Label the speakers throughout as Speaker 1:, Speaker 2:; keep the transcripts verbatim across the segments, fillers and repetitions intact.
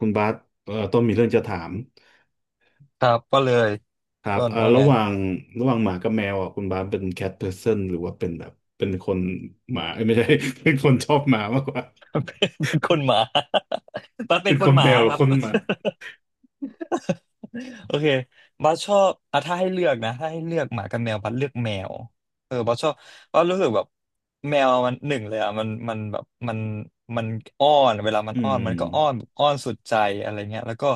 Speaker 1: คุณบาสเอ่อต้นมีเรื่องจะถาม
Speaker 2: ครับก็เลย
Speaker 1: ครับ
Speaker 2: ต้น
Speaker 1: เอ่อ
Speaker 2: ว่า
Speaker 1: ระ
Speaker 2: ไง
Speaker 1: หว่างระหว่างหมากับแมวอ่ะคุณบาสเป็นแคทเพอร์ n นหรือว่าเป็นแบบเป็นคนหมาเอ้ยไม่ใช่ เป็นคนชอบหมามากกว่า
Speaker 2: เป็นคนหมา ตัดเป็
Speaker 1: เป็
Speaker 2: น
Speaker 1: น
Speaker 2: ค
Speaker 1: ค
Speaker 2: น
Speaker 1: น
Speaker 2: ห
Speaker 1: แม
Speaker 2: มา
Speaker 1: วหรื
Speaker 2: ค
Speaker 1: อ
Speaker 2: รั
Speaker 1: ค
Speaker 2: บ
Speaker 1: นหมา
Speaker 2: โอเคบัสชอบอ่ะถ้าให้เลือกนะถ้าให้เลือกหมากับแมวบัสเลือกแมวเออบัสชอบบัสรู้สึกแบบแมวมันหนึ่งเลยอ่ะมันมันแบบมันมันอ้อนเวลามัน
Speaker 1: อื
Speaker 2: อ้อนมันก็อ้อน
Speaker 1: ม
Speaker 2: แบบอ้อนสุดใจอะไรเงี้ยแล้วก็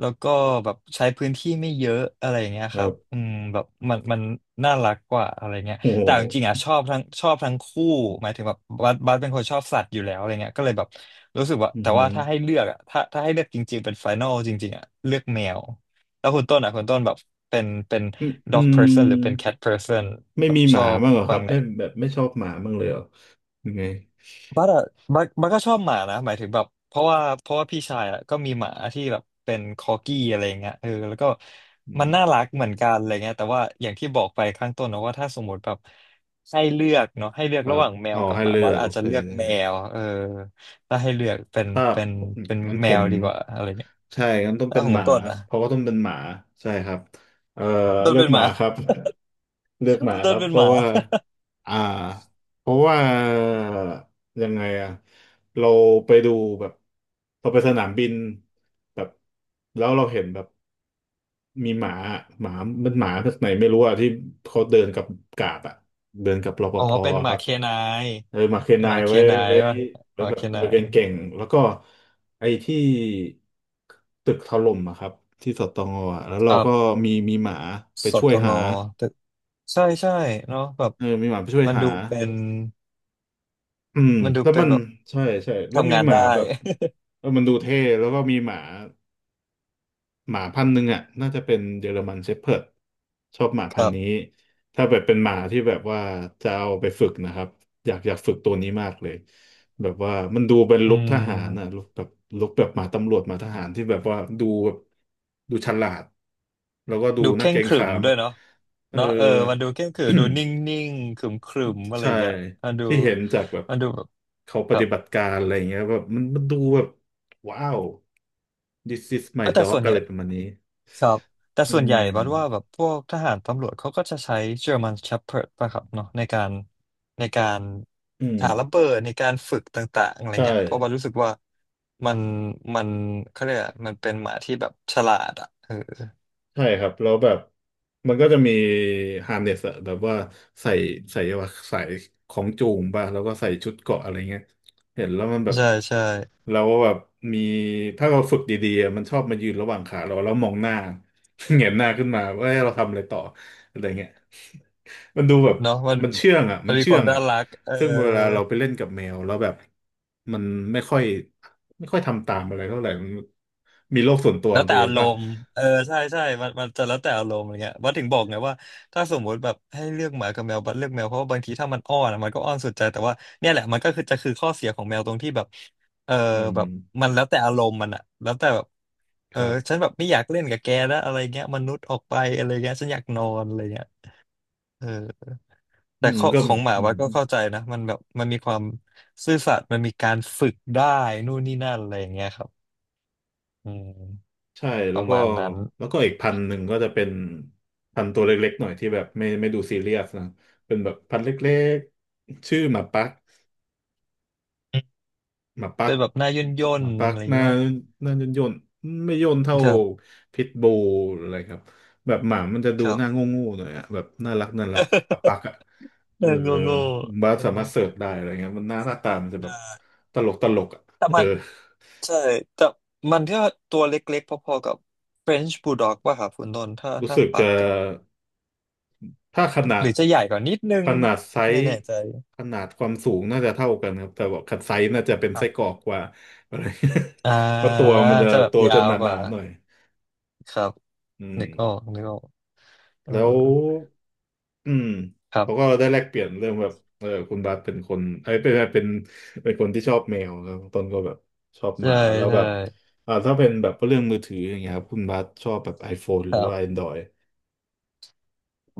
Speaker 2: แล้วก็แบบใช้พื้นที่ไม่เยอะอะไรเงี้ย
Speaker 1: ค
Speaker 2: ค
Speaker 1: รั
Speaker 2: รับ
Speaker 1: บ
Speaker 2: อืมแบบมันมันน่ารักกว่าอะไรเงี้ย
Speaker 1: โอ้โห
Speaker 2: แต่จริงๆอ่ะชอบทั้งชอบทั้งคู่หมายถึงแบบบัสบัสเป็นคนชอบสัตว์อยู่แล้วอะไรเงี้ยก็เลยแบบรู้สึกว่า
Speaker 1: อือ
Speaker 2: แต่
Speaker 1: หื
Speaker 2: ว่า
Speaker 1: อ
Speaker 2: ถ้าให้เลือกอ่ะถ้าถ้าให้เลือกจริงๆเป็นไฟนอลจริงๆอ่ะเลือกแมว แล้วคุณต้นอ่ะคุณต้นแบบเป็นเป็น
Speaker 1: อืมอื
Speaker 2: dog person หรือเป็น
Speaker 1: ม
Speaker 2: cat person
Speaker 1: ไม่
Speaker 2: แบบ
Speaker 1: มีห
Speaker 2: ช
Speaker 1: มา
Speaker 2: อบ
Speaker 1: บ้างเหรอค
Speaker 2: ฟั
Speaker 1: รั
Speaker 2: ง
Speaker 1: บ
Speaker 2: ไหน
Speaker 1: ไม่แบบไม่ชอบหมาบ้างเลยเหรอยังไง
Speaker 2: บัสอะบัสบัสก็ชอบหมานะหมายถึงแบบเพราะว่าเพราะว่าพี่ชายอ่ะก็มีหมาที่แบบเป็นคอกี้อะไรเงี้ยเออแล้วก็
Speaker 1: อื
Speaker 2: มัน
Speaker 1: ม
Speaker 2: น่ารักเหมือนกันอะไรเงี้ยแต่ว่าอย่างที่บอกไปข้างต้นนะว่าถ้าสมมติแบบให้เลือกเนาะให้เลือ
Speaker 1: ค
Speaker 2: ก
Speaker 1: รั
Speaker 2: ระห
Speaker 1: บ
Speaker 2: ว่างแมว
Speaker 1: เอา
Speaker 2: กับ
Speaker 1: ให้
Speaker 2: หมา
Speaker 1: เลือ
Speaker 2: บัส
Speaker 1: กโอ
Speaker 2: อาจจะ
Speaker 1: เค
Speaker 2: เลือกแมวเออถ้าให้เลือกเป็น
Speaker 1: ถ้า
Speaker 2: เป็นเป็น
Speaker 1: งั้น
Speaker 2: แม
Speaker 1: ผ
Speaker 2: ว
Speaker 1: ม
Speaker 2: ดีกว่าอะไรเงี้ย
Speaker 1: ใช่งั้นต้อง
Speaker 2: แล้ว
Speaker 1: เป็น
Speaker 2: ของ
Speaker 1: ห
Speaker 2: คุณ
Speaker 1: มา
Speaker 2: ต้นอ่ะ
Speaker 1: เพราะว่าต้องเป็นหมา ใช่ครับเอ่อ
Speaker 2: ต้น
Speaker 1: เลือ
Speaker 2: เป็
Speaker 1: ก
Speaker 2: น
Speaker 1: ห
Speaker 2: ห
Speaker 1: มา
Speaker 2: มา
Speaker 1: ครับ เลือกห มาค
Speaker 2: ต้
Speaker 1: รั
Speaker 2: น
Speaker 1: บ
Speaker 2: เป็
Speaker 1: เพ
Speaker 2: นห
Speaker 1: ราะ
Speaker 2: มา
Speaker 1: ว่า อ่า เพราะว่า ยังไงอะเราไปดูแบบเราไปสนามบิน แบบ แล้วเราเห็นแบบ มีหมาหมามันหมาแบกไหนไม่รู้อะที่เขาเดินกับกาดอะเดินกับรป
Speaker 2: อ๋อ
Speaker 1: ภ
Speaker 2: เป็นห
Speaker 1: ค
Speaker 2: มา
Speaker 1: รับ
Speaker 2: เคนาย
Speaker 1: เออมาเคน
Speaker 2: เป็น
Speaker 1: นา
Speaker 2: หมา
Speaker 1: ย
Speaker 2: เค
Speaker 1: ไว้
Speaker 2: นาย
Speaker 1: ไว้
Speaker 2: ป่ะ
Speaker 1: ไว้
Speaker 2: หมา
Speaker 1: แบ
Speaker 2: เค
Speaker 1: บเอ
Speaker 2: นา
Speaker 1: อเ
Speaker 2: ย
Speaker 1: ก่งๆแล้วก็ไอ้ที่ตึกถล่มอะครับที่สตงอะแล้ว
Speaker 2: ค
Speaker 1: เรา
Speaker 2: รั
Speaker 1: ก็
Speaker 2: บ
Speaker 1: มีมีหมาไป
Speaker 2: ส
Speaker 1: ช่ว
Speaker 2: ต
Speaker 1: ย
Speaker 2: ง
Speaker 1: หา
Speaker 2: อตกใช่ใช่เนาะแบบ
Speaker 1: เออมีหมาไปช่วย
Speaker 2: มัน
Speaker 1: หา
Speaker 2: ดูเป็น
Speaker 1: อืม
Speaker 2: มันดู
Speaker 1: แล้ว
Speaker 2: เป็
Speaker 1: มั
Speaker 2: น
Speaker 1: น
Speaker 2: แบบ
Speaker 1: ใช่ใช่แล้ว
Speaker 2: ทำ
Speaker 1: มี
Speaker 2: งาน
Speaker 1: หมา
Speaker 2: ได้
Speaker 1: แบบเออมันดูเท่แล้วก็มีหมา หมาพันธุ์หนึ่งอ่ะน่าจะเป็นเยอรมันเชพเพิร์ดชอบหมา
Speaker 2: ค
Speaker 1: พัน
Speaker 2: รั
Speaker 1: ธุ์
Speaker 2: บ
Speaker 1: นี้ถ้าแบบเป็นหมาที่แบบว่าจะเอาไปฝึกนะครับอยากอยากฝึกตัวนี้มากเลยแบบว่ามันดูเป็น
Speaker 2: อื
Speaker 1: ลุคทหารอ่ะลุ
Speaker 2: ม
Speaker 1: คแบบลุคแบบหมาตำรวจหมาทหารที่แบบว่าดูแบบดูฉลาดแล้วก็ดู
Speaker 2: ดูเค
Speaker 1: น่า
Speaker 2: ร่
Speaker 1: เก
Speaker 2: ง
Speaker 1: รง
Speaker 2: ขรึ
Speaker 1: ขา
Speaker 2: ม
Speaker 1: ม
Speaker 2: ด้วยเนาะ
Speaker 1: เออ
Speaker 2: เนาะเออมันดูเคร่งขรึมดูนิ่ งๆขรึมๆอะ ไรอ
Speaker 1: ใช่
Speaker 2: ย่างเงี้ยมันดู
Speaker 1: ที่เห็นจากแบบ
Speaker 2: มันดูแบบ
Speaker 1: เขาป
Speaker 2: ครั
Speaker 1: ฏิ
Speaker 2: บ
Speaker 1: บัติการอะไรอย่างเงี้ยแบบมันมันดูแบบว้าว this is my
Speaker 2: เอ้าแต่ส่
Speaker 1: dog
Speaker 2: วนให
Speaker 1: อะไร
Speaker 2: ญ่
Speaker 1: ประมาณนี้
Speaker 2: ครับแต่
Speaker 1: อื
Speaker 2: ส่วนใหญ่บัดว่าแบ
Speaker 1: ม
Speaker 2: บพวกทหารตำรวจเขาก็จะใช้เจอร์ม s น e p h เ r ิร์ดป่ะครับเนาะในการในการ
Speaker 1: อืม
Speaker 2: หาระเบิดในการฝึกต่างๆอะไร
Speaker 1: ใช่
Speaker 2: เงี้ยเพราะบัดรู้สึกว่ามันมันเขาเรียกอะมันเป็นหมาที่แบบฉลาดอ่ะเออ
Speaker 1: ใช่ครับแล้วแบบมันก็จะมีฮาร์เนสอะแบบว่าใส่ใส่ว่าใส่ของจูงป่ะแล้วก็ใส่ชุดเกราะอะไรเงี้ยเห็นแล้วมันแบบ
Speaker 2: ใช่ใช่
Speaker 1: เราก็แบบมีถ้าเราฝึกดีๆอะมันชอบมายืนระหว่างขาเราแล้วมองหน้า เหงนหน้าขึ้นมาว่าเอ้ยเราทำอะไรต่ออะไรเงี้ย มันดูแบบ
Speaker 2: เนาะมัน
Speaker 1: มันเชื่องอ่ะ
Speaker 2: มั
Speaker 1: มั
Speaker 2: น
Speaker 1: น
Speaker 2: มี
Speaker 1: เชื่
Speaker 2: ค
Speaker 1: อ
Speaker 2: วาม
Speaker 1: ง
Speaker 2: น่า
Speaker 1: อ่ะ
Speaker 2: รักเออ
Speaker 1: ซึ่งเวลาเราไปเล่นกับแมวแล้วแบบมันไม่ค่อยไม่ค่อยทำตามอะไรเท่าไหร่มันมีโลกส่วนตัว
Speaker 2: แล้
Speaker 1: ข
Speaker 2: ว
Speaker 1: องตั
Speaker 2: แต่
Speaker 1: วเอ
Speaker 2: อา
Speaker 1: ง
Speaker 2: ร
Speaker 1: ป่ะ
Speaker 2: มณ์เออใช่ใช่มันมันจะแล้วแต่อารมณ์อะไรเงี้ยว่าถึงบอกไงว่าถ้าสมมติแบบให้เลือกหมากับแมวบัดเลือกแมวเพราะว่าบางทีถ้ามันอ้อนอะมันก็อ้อนสุดใจแต่ว่าเนี่ยแหละมันก็คือจะคือข้อเสียของแมวตรงที่แบบเออ
Speaker 1: อืม
Speaker 2: แบบมันแล้วแต่อารมณ์มันอะแล้วแต่แบบ
Speaker 1: ค
Speaker 2: เออ
Speaker 1: รั
Speaker 2: ฉัน
Speaker 1: บ
Speaker 2: แบบไม่อยากเล่นกับแกแล้วอะไรเงี้ยมนุษย์ออกไปอะไรเงี้ยฉันอยากนอนอะไรเงี้ยเออ
Speaker 1: อื
Speaker 2: แต่
Speaker 1: ม
Speaker 2: ข้อ
Speaker 1: ก็
Speaker 2: ของหมา
Speaker 1: อื
Speaker 2: วั
Speaker 1: ม
Speaker 2: ดก็เข้าใจนะมันแบบมันมีความซื่อสัตย์มันมีการฝึกได้นู่นนี่นั่นอะไรอย่างเงี้ยครับอืม
Speaker 1: ใช่
Speaker 2: ป
Speaker 1: แล้ว
Speaker 2: ระ
Speaker 1: ก็
Speaker 2: มาณนั้น
Speaker 1: แล้วก็อีกพันหนึ่งก็จะเป็น พันตัวเล็กๆหน่อย ที่แบบ ไม่ไม่ดูซีเรียสนะเป็นแบบ พันเล็กๆ ชื่อหมาปัก หมาปั
Speaker 2: เป็
Speaker 1: ก
Speaker 2: นแบบหน้าย่นย่
Speaker 1: ห
Speaker 2: น
Speaker 1: มาปัก
Speaker 2: อะไรอย่า
Speaker 1: ห
Speaker 2: ง
Speaker 1: น้า
Speaker 2: งี้มั้ง
Speaker 1: หน้าย่นๆไม่ย่นเท่า
Speaker 2: ครับ
Speaker 1: พิทบูลอะไรครับแบบหมามันจะ
Speaker 2: ค
Speaker 1: ดู
Speaker 2: รั
Speaker 1: ห
Speaker 2: บ
Speaker 1: น้าโง่ๆหน่อยอะแบบน่ารักน่ารักหมาปักอะ
Speaker 2: หน
Speaker 1: เออ
Speaker 2: อาโง่โง่
Speaker 1: บ้า
Speaker 2: เออ
Speaker 1: สามารถเสิร์ชได้อะไรเงี้ยมันหน้าหน้าตามันจะแบบ
Speaker 2: ได้
Speaker 1: ตลกตลกอะ
Speaker 2: แต่
Speaker 1: เอ
Speaker 2: มั
Speaker 1: อ
Speaker 2: น ใช่ แต่มันก็ตัวเล็กๆ พอๆ กับ French Bulldog ป่ะครับคุณต้นถ้า
Speaker 1: รู้
Speaker 2: ถ้า
Speaker 1: สึก
Speaker 2: ปั
Speaker 1: จะ
Speaker 2: กอะ
Speaker 1: ถ้าขนา
Speaker 2: ห
Speaker 1: ด
Speaker 2: รือจะใหญ่กว่านิดนึ
Speaker 1: ข
Speaker 2: ง
Speaker 1: นาดไซ
Speaker 2: ไม่
Speaker 1: ส์
Speaker 2: แน่ใจ
Speaker 1: ขนาดความสูงน่าจะเท่ากันครับแต่ว่าขนาดไซส์น่าจะเป็น
Speaker 2: ครั
Speaker 1: ไส้กรอ
Speaker 2: บ
Speaker 1: กกว่าอะไร
Speaker 2: อ่
Speaker 1: เพราะ
Speaker 2: า
Speaker 1: ตัวมันจะ
Speaker 2: จะแบบ
Speaker 1: ตัว
Speaker 2: ยา
Speaker 1: จะห
Speaker 2: วก
Speaker 1: นา
Speaker 2: ว่า
Speaker 1: ๆหน่อย
Speaker 2: ครับ
Speaker 1: อืม
Speaker 2: นึกออกนึกออกเออ
Speaker 1: แล้วอืม
Speaker 2: ครั
Speaker 1: เขาก็
Speaker 2: บ
Speaker 1: ได้แลกเปลี่ยนเรื่องแบบเออคุณบาสเป็นคนเอ้ยเป็นเป็นเป็นคนที่ชอบแมวครับต้นก็แบบชอบห
Speaker 2: ใช่
Speaker 1: มาแล้วแบ
Speaker 2: ใช่
Speaker 1: บอ่าถ้าเป็นแบบเรื่องมือถืออย่างเงี้ยครับคุณบาสชอบแบบ iPhone ห
Speaker 2: ค
Speaker 1: รือ
Speaker 2: รั
Speaker 1: ว่า
Speaker 2: บ
Speaker 1: แอนดรอยด์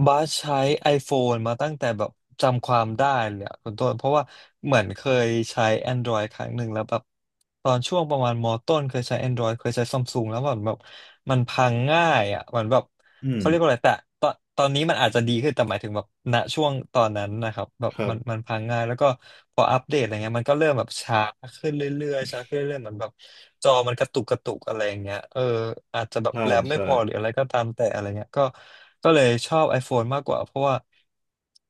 Speaker 2: บาสใช้ iPhone มาตั้งแต่แบบจำความได้เลยอะคุณต้นเพราะว่าเหมือนเคยใช้ Android ครั้งหนึ่งแล้วแบบตอนช่วงประมาณมต้นเคยใช้ Android เคยใช้ซัมซุงแล้วแบบแบบมันพังง่ายอ่ะเหมือนแบบ
Speaker 1: อืม
Speaker 2: เขาเรียกว่าอะไรแต่ตอนตอนนี้มันอาจจะดีขึ้นแต่หมายถึงแบบณช่วงตอนนั้นนะครับแบ
Speaker 1: ค
Speaker 2: บ
Speaker 1: รั
Speaker 2: มั
Speaker 1: บ
Speaker 2: นมันพังง่ายแล้วก็พออัปเดตอะไรเงี้ยมันก็เริ่มแบบช้าขึ้นเรื่อยๆช้าขึ้นเรื่อยๆเหมือนแบบจอมันกระตุกกระตุกอะไรอย่างเงี้ยเอออาจจะแบบ
Speaker 1: ใช่
Speaker 2: แรมไม่
Speaker 1: ใช่
Speaker 2: พอหรืออะไรก็ตามแต่อะไรเงี้ยก็ก็เลยชอบ iPhone มากกว่าเพราะว่า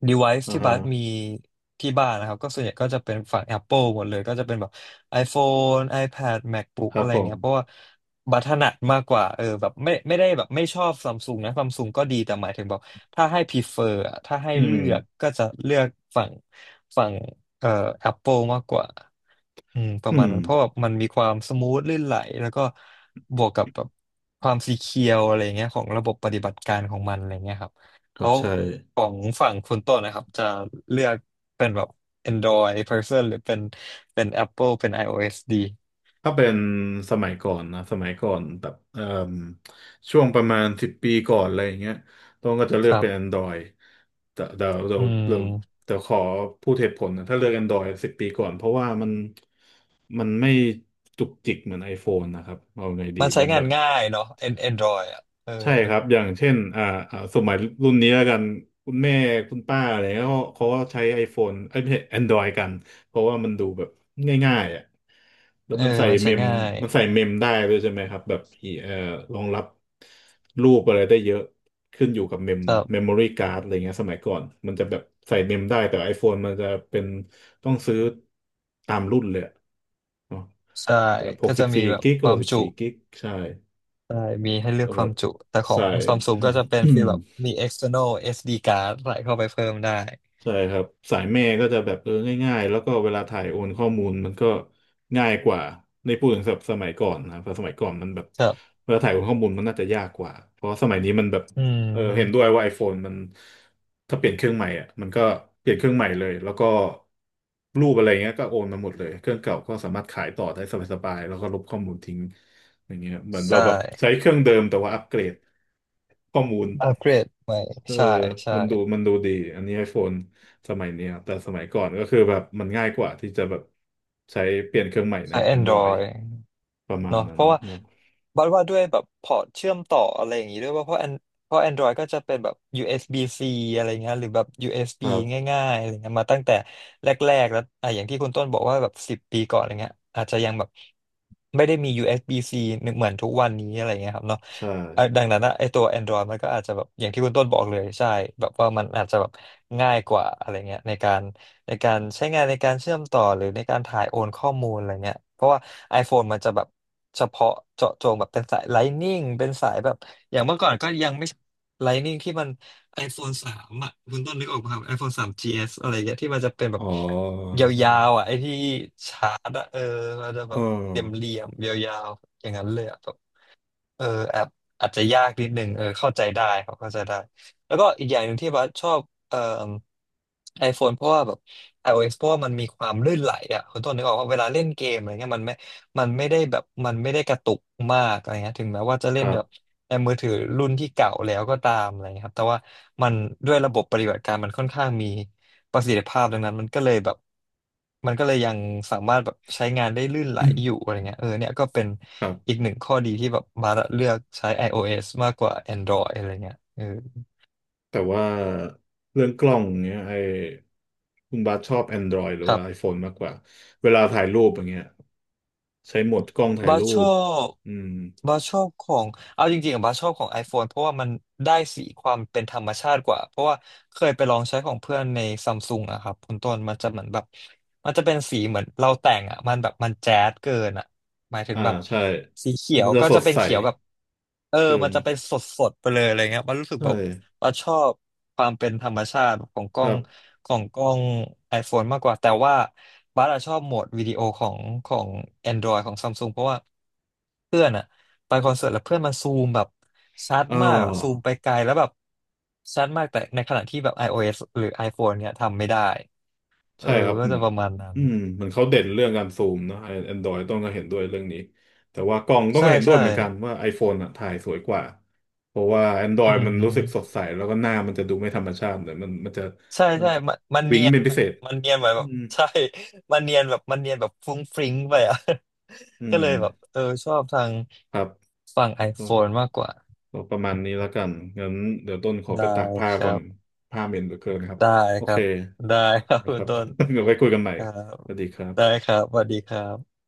Speaker 2: device
Speaker 1: อ่า
Speaker 2: ที่
Speaker 1: ฮะ
Speaker 2: บัสมีที่บ้านนะครับก็ส่วนใหญ่ก็จะเป็นฝั่ง Apple หมดเลยก็จะเป็นแบบ iPhone iPad MacBook
Speaker 1: ครั
Speaker 2: อะ
Speaker 1: บ
Speaker 2: ไร
Speaker 1: ผม
Speaker 2: เงี้ยเพราะว่าบัตถนัดมากกว่าเออแบบไม่ไม่ได้แบบไม่ชอบซัมซุงนะซัมซุงก็ดีแต่หมายถึงแบบถ้าให้ prefer อะถ้าให้
Speaker 1: อืม
Speaker 2: เลือกก็จะเลือกฝั่งฝั่งเอ่อ Apple มากกว่าอืมประ
Speaker 1: อื
Speaker 2: มาณ
Speaker 1: ม
Speaker 2: นั้นเพราะแบบมันมีความสมูทลื่นไหลแล้วก็บวกกับแบบความซีเคียวอะไรเงี้ยของระบบปฏิบัติการของมันอะไรเงี้ยครับ
Speaker 1: ครั
Speaker 2: แล้
Speaker 1: บ
Speaker 2: ว
Speaker 1: ใช่
Speaker 2: ของฝั่งคุณต้นนะครับจะเลือกเป็นแบบ Android person หรือเป็น เป็น Apple เป็น iOS ดี
Speaker 1: ถ้าเป็นสมัยก่อนนะสมัยก่อนแบบเอ่มช่วงประมาณสิบปีก่อนอะไรอย่างเงี้ยต้องก็จะเลือ
Speaker 2: ค
Speaker 1: ก
Speaker 2: รั
Speaker 1: เป็น
Speaker 2: บ
Speaker 1: Android แต่เดี๋ยวเดี๋ย
Speaker 2: อื
Speaker 1: วเดี๋ยว
Speaker 2: ม
Speaker 1: เดี๋ยวขอพูดเหตุผลนะถ้าเลือก Android สิบปีก่อนเพราะว่ามันมันไม่จุกจิกเหมือน iPhone นะครับเอาไงดี
Speaker 2: มันใช้
Speaker 1: มันแบ
Speaker 2: งาน
Speaker 1: บ
Speaker 2: ง่ายเนาะ An- Android อ่ะเออ
Speaker 1: ใช่ครับอย่างเช่นอ่าอ่าสมัยรุ่นนี้แล้วกันคุณแม่คุณป้าอะไรเงี้ยเขาเขาก็ใช้ iPhone เอ้ยไม่ใช่ Android กันเพราะว่ามันดูแบบง่ายๆอ่ะแล้ว
Speaker 2: เออ
Speaker 1: มันใส่
Speaker 2: มัน
Speaker 1: เม
Speaker 2: ใช้
Speaker 1: ม
Speaker 2: ง่าย
Speaker 1: มันใส่เมมได้ด้วยใช่ไหมครับแบบอีเอ่อรองรับรูปอะไรได้เยอะขึ้นอยู่กับเมม
Speaker 2: ครั
Speaker 1: เมมโม
Speaker 2: บ
Speaker 1: รี่การ์ดอะไรเงี้ยสมัยก่อนมันจะแบบใส่เมมได้แต่ iPhone มันจะเป็นต้องซื้อตามรุ่นเลยอะเนอะ
Speaker 2: ใช่
Speaker 1: แบบห
Speaker 2: ก็
Speaker 1: กสิ
Speaker 2: จะ
Speaker 1: บ
Speaker 2: มี
Speaker 1: สี่
Speaker 2: แบบ
Speaker 1: กิก
Speaker 2: ค
Speaker 1: ห
Speaker 2: วา
Speaker 1: ก
Speaker 2: ม
Speaker 1: สิบ
Speaker 2: จุ
Speaker 1: สี่กิกใช่
Speaker 2: ใช่มีให้เลือ
Speaker 1: ก็
Speaker 2: กค
Speaker 1: แบ
Speaker 2: วา
Speaker 1: บ
Speaker 2: มจุแต่ขอ
Speaker 1: สา
Speaker 2: ง
Speaker 1: ย
Speaker 2: Samsung ก็จะเป็น ฟีลแบบมี external เอส ดี card ใส่เข้าไปเพิ่มได้
Speaker 1: ใช่ครับสายแม่ก็จะแบบเออง่ายๆแล้วก็เวลาถ่ายโอนข้อมูลมันก็ง่ายกว่าในพูดถึงแบบสมัยก่อนนะเพราะสมัยก่อนมันแบบ
Speaker 2: ครับ
Speaker 1: เวลาถ่ายโอนข้อมูลมันน่าจะยากกว่าเพราะสมัยนี้มันแบบ
Speaker 2: อื
Speaker 1: เออเห็นด้วย
Speaker 2: ม
Speaker 1: ว่า iPhone มันถ้าเปลี่ยนเครื่องใหม่อ่ะมันก็เปลี่ยนเครื่องใหม่เลยแล้วก็รูปอะไรเงี้ยก็โอนมาหมดเลยเครื่องเก่าก็สามารถขายต่อได้สบายๆแล้วก็ลบข้อมูลทิ้งอย่างเงี้ยเหมือน
Speaker 2: ใช
Speaker 1: เราแบบใช้
Speaker 2: ่
Speaker 1: เครื่องเดิมแต่ว่าอัปเกรดข้อมูล
Speaker 2: อัปเกรดใหม่
Speaker 1: เออ
Speaker 2: ใช่ใช่
Speaker 1: มันดูมันดูดี อันนี้ไอโฟนสมัยเนี้ยแต่สมัยก่อนก็คือแบบมันง่ายกว่าที่จะแบบใช้เปลี่ยนเครื่องใหม่ใน
Speaker 2: ใช้
Speaker 1: Android
Speaker 2: Android
Speaker 1: ประมาณ
Speaker 2: เนาะ
Speaker 1: นั้
Speaker 2: เพ
Speaker 1: น
Speaker 2: ราะว่า
Speaker 1: แล้ว
Speaker 2: บัดว่าด้วยแบบพอร์ตเชื่อมต่ออะไรอย่างงี้ด้วยว่าเพราะ An- เพราะ Android ก็จะเป็นแบบ ยู เอส บี ซี-C อสบี -C อะไรเงี้ยหรือแบบ
Speaker 1: ค
Speaker 2: ยู เอส บี
Speaker 1: รับ
Speaker 2: ง่ายๆอะไรเงี้ยมาตั้งแต่แรกๆแล้วอ่ะอย่างที่คุณต้นบอกว่าแบบสิบปีก่อนอะไรเงี้ยอาจจะยังแบบไม่ได้มี ยู เอส บี ซี-C เอสบี -C เหมือนทุกวันนี้อะไรเงี้ยครับเนาะ
Speaker 1: ใช่
Speaker 2: อ่ะดังนั้นนะไอตัว Android มันก็อาจจะแบบอย่างที่คุณต้นบอกเลยใช่แบบว่ามันอาจจะแบบง่ายกว่าอะไรเงี้ยในการ ในการใช้งานในการเชื่อมต่อหรือในการถ่ายโอนข้อมูลอะไรเงี้ยเพราะว่า iPhone มันจะแบบเฉพาะเจาะจงแบบเป็นสาย Lightning เป็นสายแบบอย่างเมื่อก่อนก็ยังไม่ Lightning ที่มัน iPhone สามอ่ะคุณต้นนึกออกไหมครับ iPhone สาม จี เอส อสอะไรเงี้ยที่มันจะเป็นแบ
Speaker 1: อ๋
Speaker 2: บ
Speaker 1: อ
Speaker 2: ยาวๆอ่ะไอ้ที่ชาร์จอ่ะเออมันจะแบ
Speaker 1: เออ
Speaker 2: บเหลี่ยมๆยาวๆอย่างนั้นเลยอ่ะ เอออาจอาจจะยากนิดนึงเออเข้าใจได้เขาเข้าใจได้แล้วก็อีกอย่างหนึ่งที่บัสชอบเอ่อ iPhone เพราะว่าแบบ iOS เพราะว่ามันมีความลื่นไหลอ่ะคุณต้นนึกออกว่าเวลาเล่นเกมอะไรเงี้ยมันไม่มันไม่ได้แบบมันไม่ได้กระตุกมากอะไรเงี้ยถึงแม้ว่าจะ
Speaker 1: ค
Speaker 2: เล่น
Speaker 1: รับ
Speaker 2: แบบ แอนมือถือรุ่นที่เก่าแล้วก็ตามอะไรเงี้ยครับ แต่ว่ามันด้วยระบบปฏิบัติการมันค่อนข้างมีประสิทธิภาพดังนั้นมันก็เลยแบบมันก็เลยยังสามารถแบบใช้งานได้ลื่นไหลอยู่อะไรเงี้ยเออเนี่ยก็เป็น
Speaker 1: ครั
Speaker 2: อีก
Speaker 1: บ
Speaker 2: หนึ่งข้อดีที่แบบมาเลือกใช้ iOS มากกว่า Android อะไรเงี้ยเออ
Speaker 1: แต่ว่าเรื่องกล้องเนี้ยไอคุณบาสชอบ Android หรือ
Speaker 2: ครั
Speaker 1: ว่า
Speaker 2: บ
Speaker 1: iPhone มากกว่า เวลาถ่ายรูปอย่างเงี้ยใช้โหมดกล้องถ่าย
Speaker 2: บัส
Speaker 1: รู
Speaker 2: ชอ
Speaker 1: ป
Speaker 2: บ
Speaker 1: อืม
Speaker 2: บัสชอบของเอาจริงๆอะบัสชอบของ iPhone เพราะว่ามันได้สีความเป็นธรรมชาติกว่าเพราะว่าเคยไปลองใช้ของเพื่อนในซัมซุงอะครับคุณต้นมันจะเหมือนแบบมันจะเป็นสีเหมือนเราแต่งอะมันแบบมันแจ๊ดเกินอะหมายถึง
Speaker 1: อ่า
Speaker 2: แบบ
Speaker 1: ใช่
Speaker 2: สีเขีย
Speaker 1: มั
Speaker 2: ว
Speaker 1: นจะ
Speaker 2: ก็
Speaker 1: ส
Speaker 2: จะ
Speaker 1: ด
Speaker 2: เป็น
Speaker 1: ใส
Speaker 2: เขียวแบบเออ
Speaker 1: เกิ
Speaker 2: มัน
Speaker 1: น
Speaker 2: จะเป็นสดๆไปเลยอะไรเงี้ยมันรู้สึก
Speaker 1: ใช่
Speaker 2: แบบ บ่าชอบความเป็นธรรมชาติของกล้
Speaker 1: ค
Speaker 2: อ
Speaker 1: รั
Speaker 2: ง
Speaker 1: บ
Speaker 2: ของกล้อง iPhone มากกว่าแต่ว่าบัสอะชอบโหมดวิดีโอของของ Android ของซัมซุงเพราะว่าเพื่อนอะไปคอนเสิร์ตแล้วเพื่อนมันซูมแบบชัด
Speaker 1: อ่
Speaker 2: มากอะซูม
Speaker 1: า
Speaker 2: ไปไกลแล้วแบบชัดมากแต่ในขณะที่แบบ iOS หรือ iPhone เนี่ยทำไม่ได้เออ
Speaker 1: ใช่ครับ
Speaker 2: ก็
Speaker 1: เห
Speaker 2: จะ
Speaker 1: มือน
Speaker 2: ประมาณนั้น
Speaker 1: อืมเหมือนเขาเด่นเรื่องการซูมนะไอแอนดรอยต้องก็เห็นด้วยเรื่องนี้แต่ว่ากล้องต้อง
Speaker 2: ใช่
Speaker 1: ก็เห็นด้ว
Speaker 2: ใช่
Speaker 1: ยเหมือนกันว่า iPhone อ่ะถ่ายสวยกว่าเพราะว่า
Speaker 2: อื
Speaker 1: Android มันรู้สึกสด
Speaker 2: ม
Speaker 1: ใสแล้วก็หน้ามันจะดูไม่ธรรมชาติเลยมันมันจะ
Speaker 2: ใช่
Speaker 1: มัน
Speaker 2: ใช่
Speaker 1: จะ
Speaker 2: มันมัน
Speaker 1: วิ้
Speaker 2: เนี
Speaker 1: ง
Speaker 2: ยน
Speaker 1: เป็นพิ
Speaker 2: ไป
Speaker 1: เศษ
Speaker 2: มันเนียนไปแบ
Speaker 1: อื
Speaker 2: บ
Speaker 1: ม
Speaker 2: ใช่มันเนียนแบบมันเนียนแบบฟรุ้งฟริ้งไปอ่ะ
Speaker 1: อื
Speaker 2: ก็เล
Speaker 1: ม
Speaker 2: ยแบบเออชอบทาง
Speaker 1: ครับ
Speaker 2: ฝั่ง
Speaker 1: ก็
Speaker 2: iPhone มากกว่า
Speaker 1: ก็ประมาณนี้แล้วกันงั้นเดี๋ยวต้นขอไป
Speaker 2: ได้
Speaker 1: ตากผ้า
Speaker 2: ค
Speaker 1: ก่
Speaker 2: รั
Speaker 1: อน
Speaker 2: บ
Speaker 1: ผ้าเหม็นเหลือเกินครับ
Speaker 2: ได้
Speaker 1: โอ
Speaker 2: ครั
Speaker 1: เค
Speaker 2: บได้ครับ
Speaker 1: นะ
Speaker 2: คุ
Speaker 1: ค
Speaker 2: ณ
Speaker 1: รับ
Speaker 2: ต้น
Speaker 1: เดี๋ยวไว้คุยกันใหม่
Speaker 2: ครับ
Speaker 1: สวัสดีครั
Speaker 2: ได้
Speaker 1: บ
Speaker 2: ครับสวัสดีครับ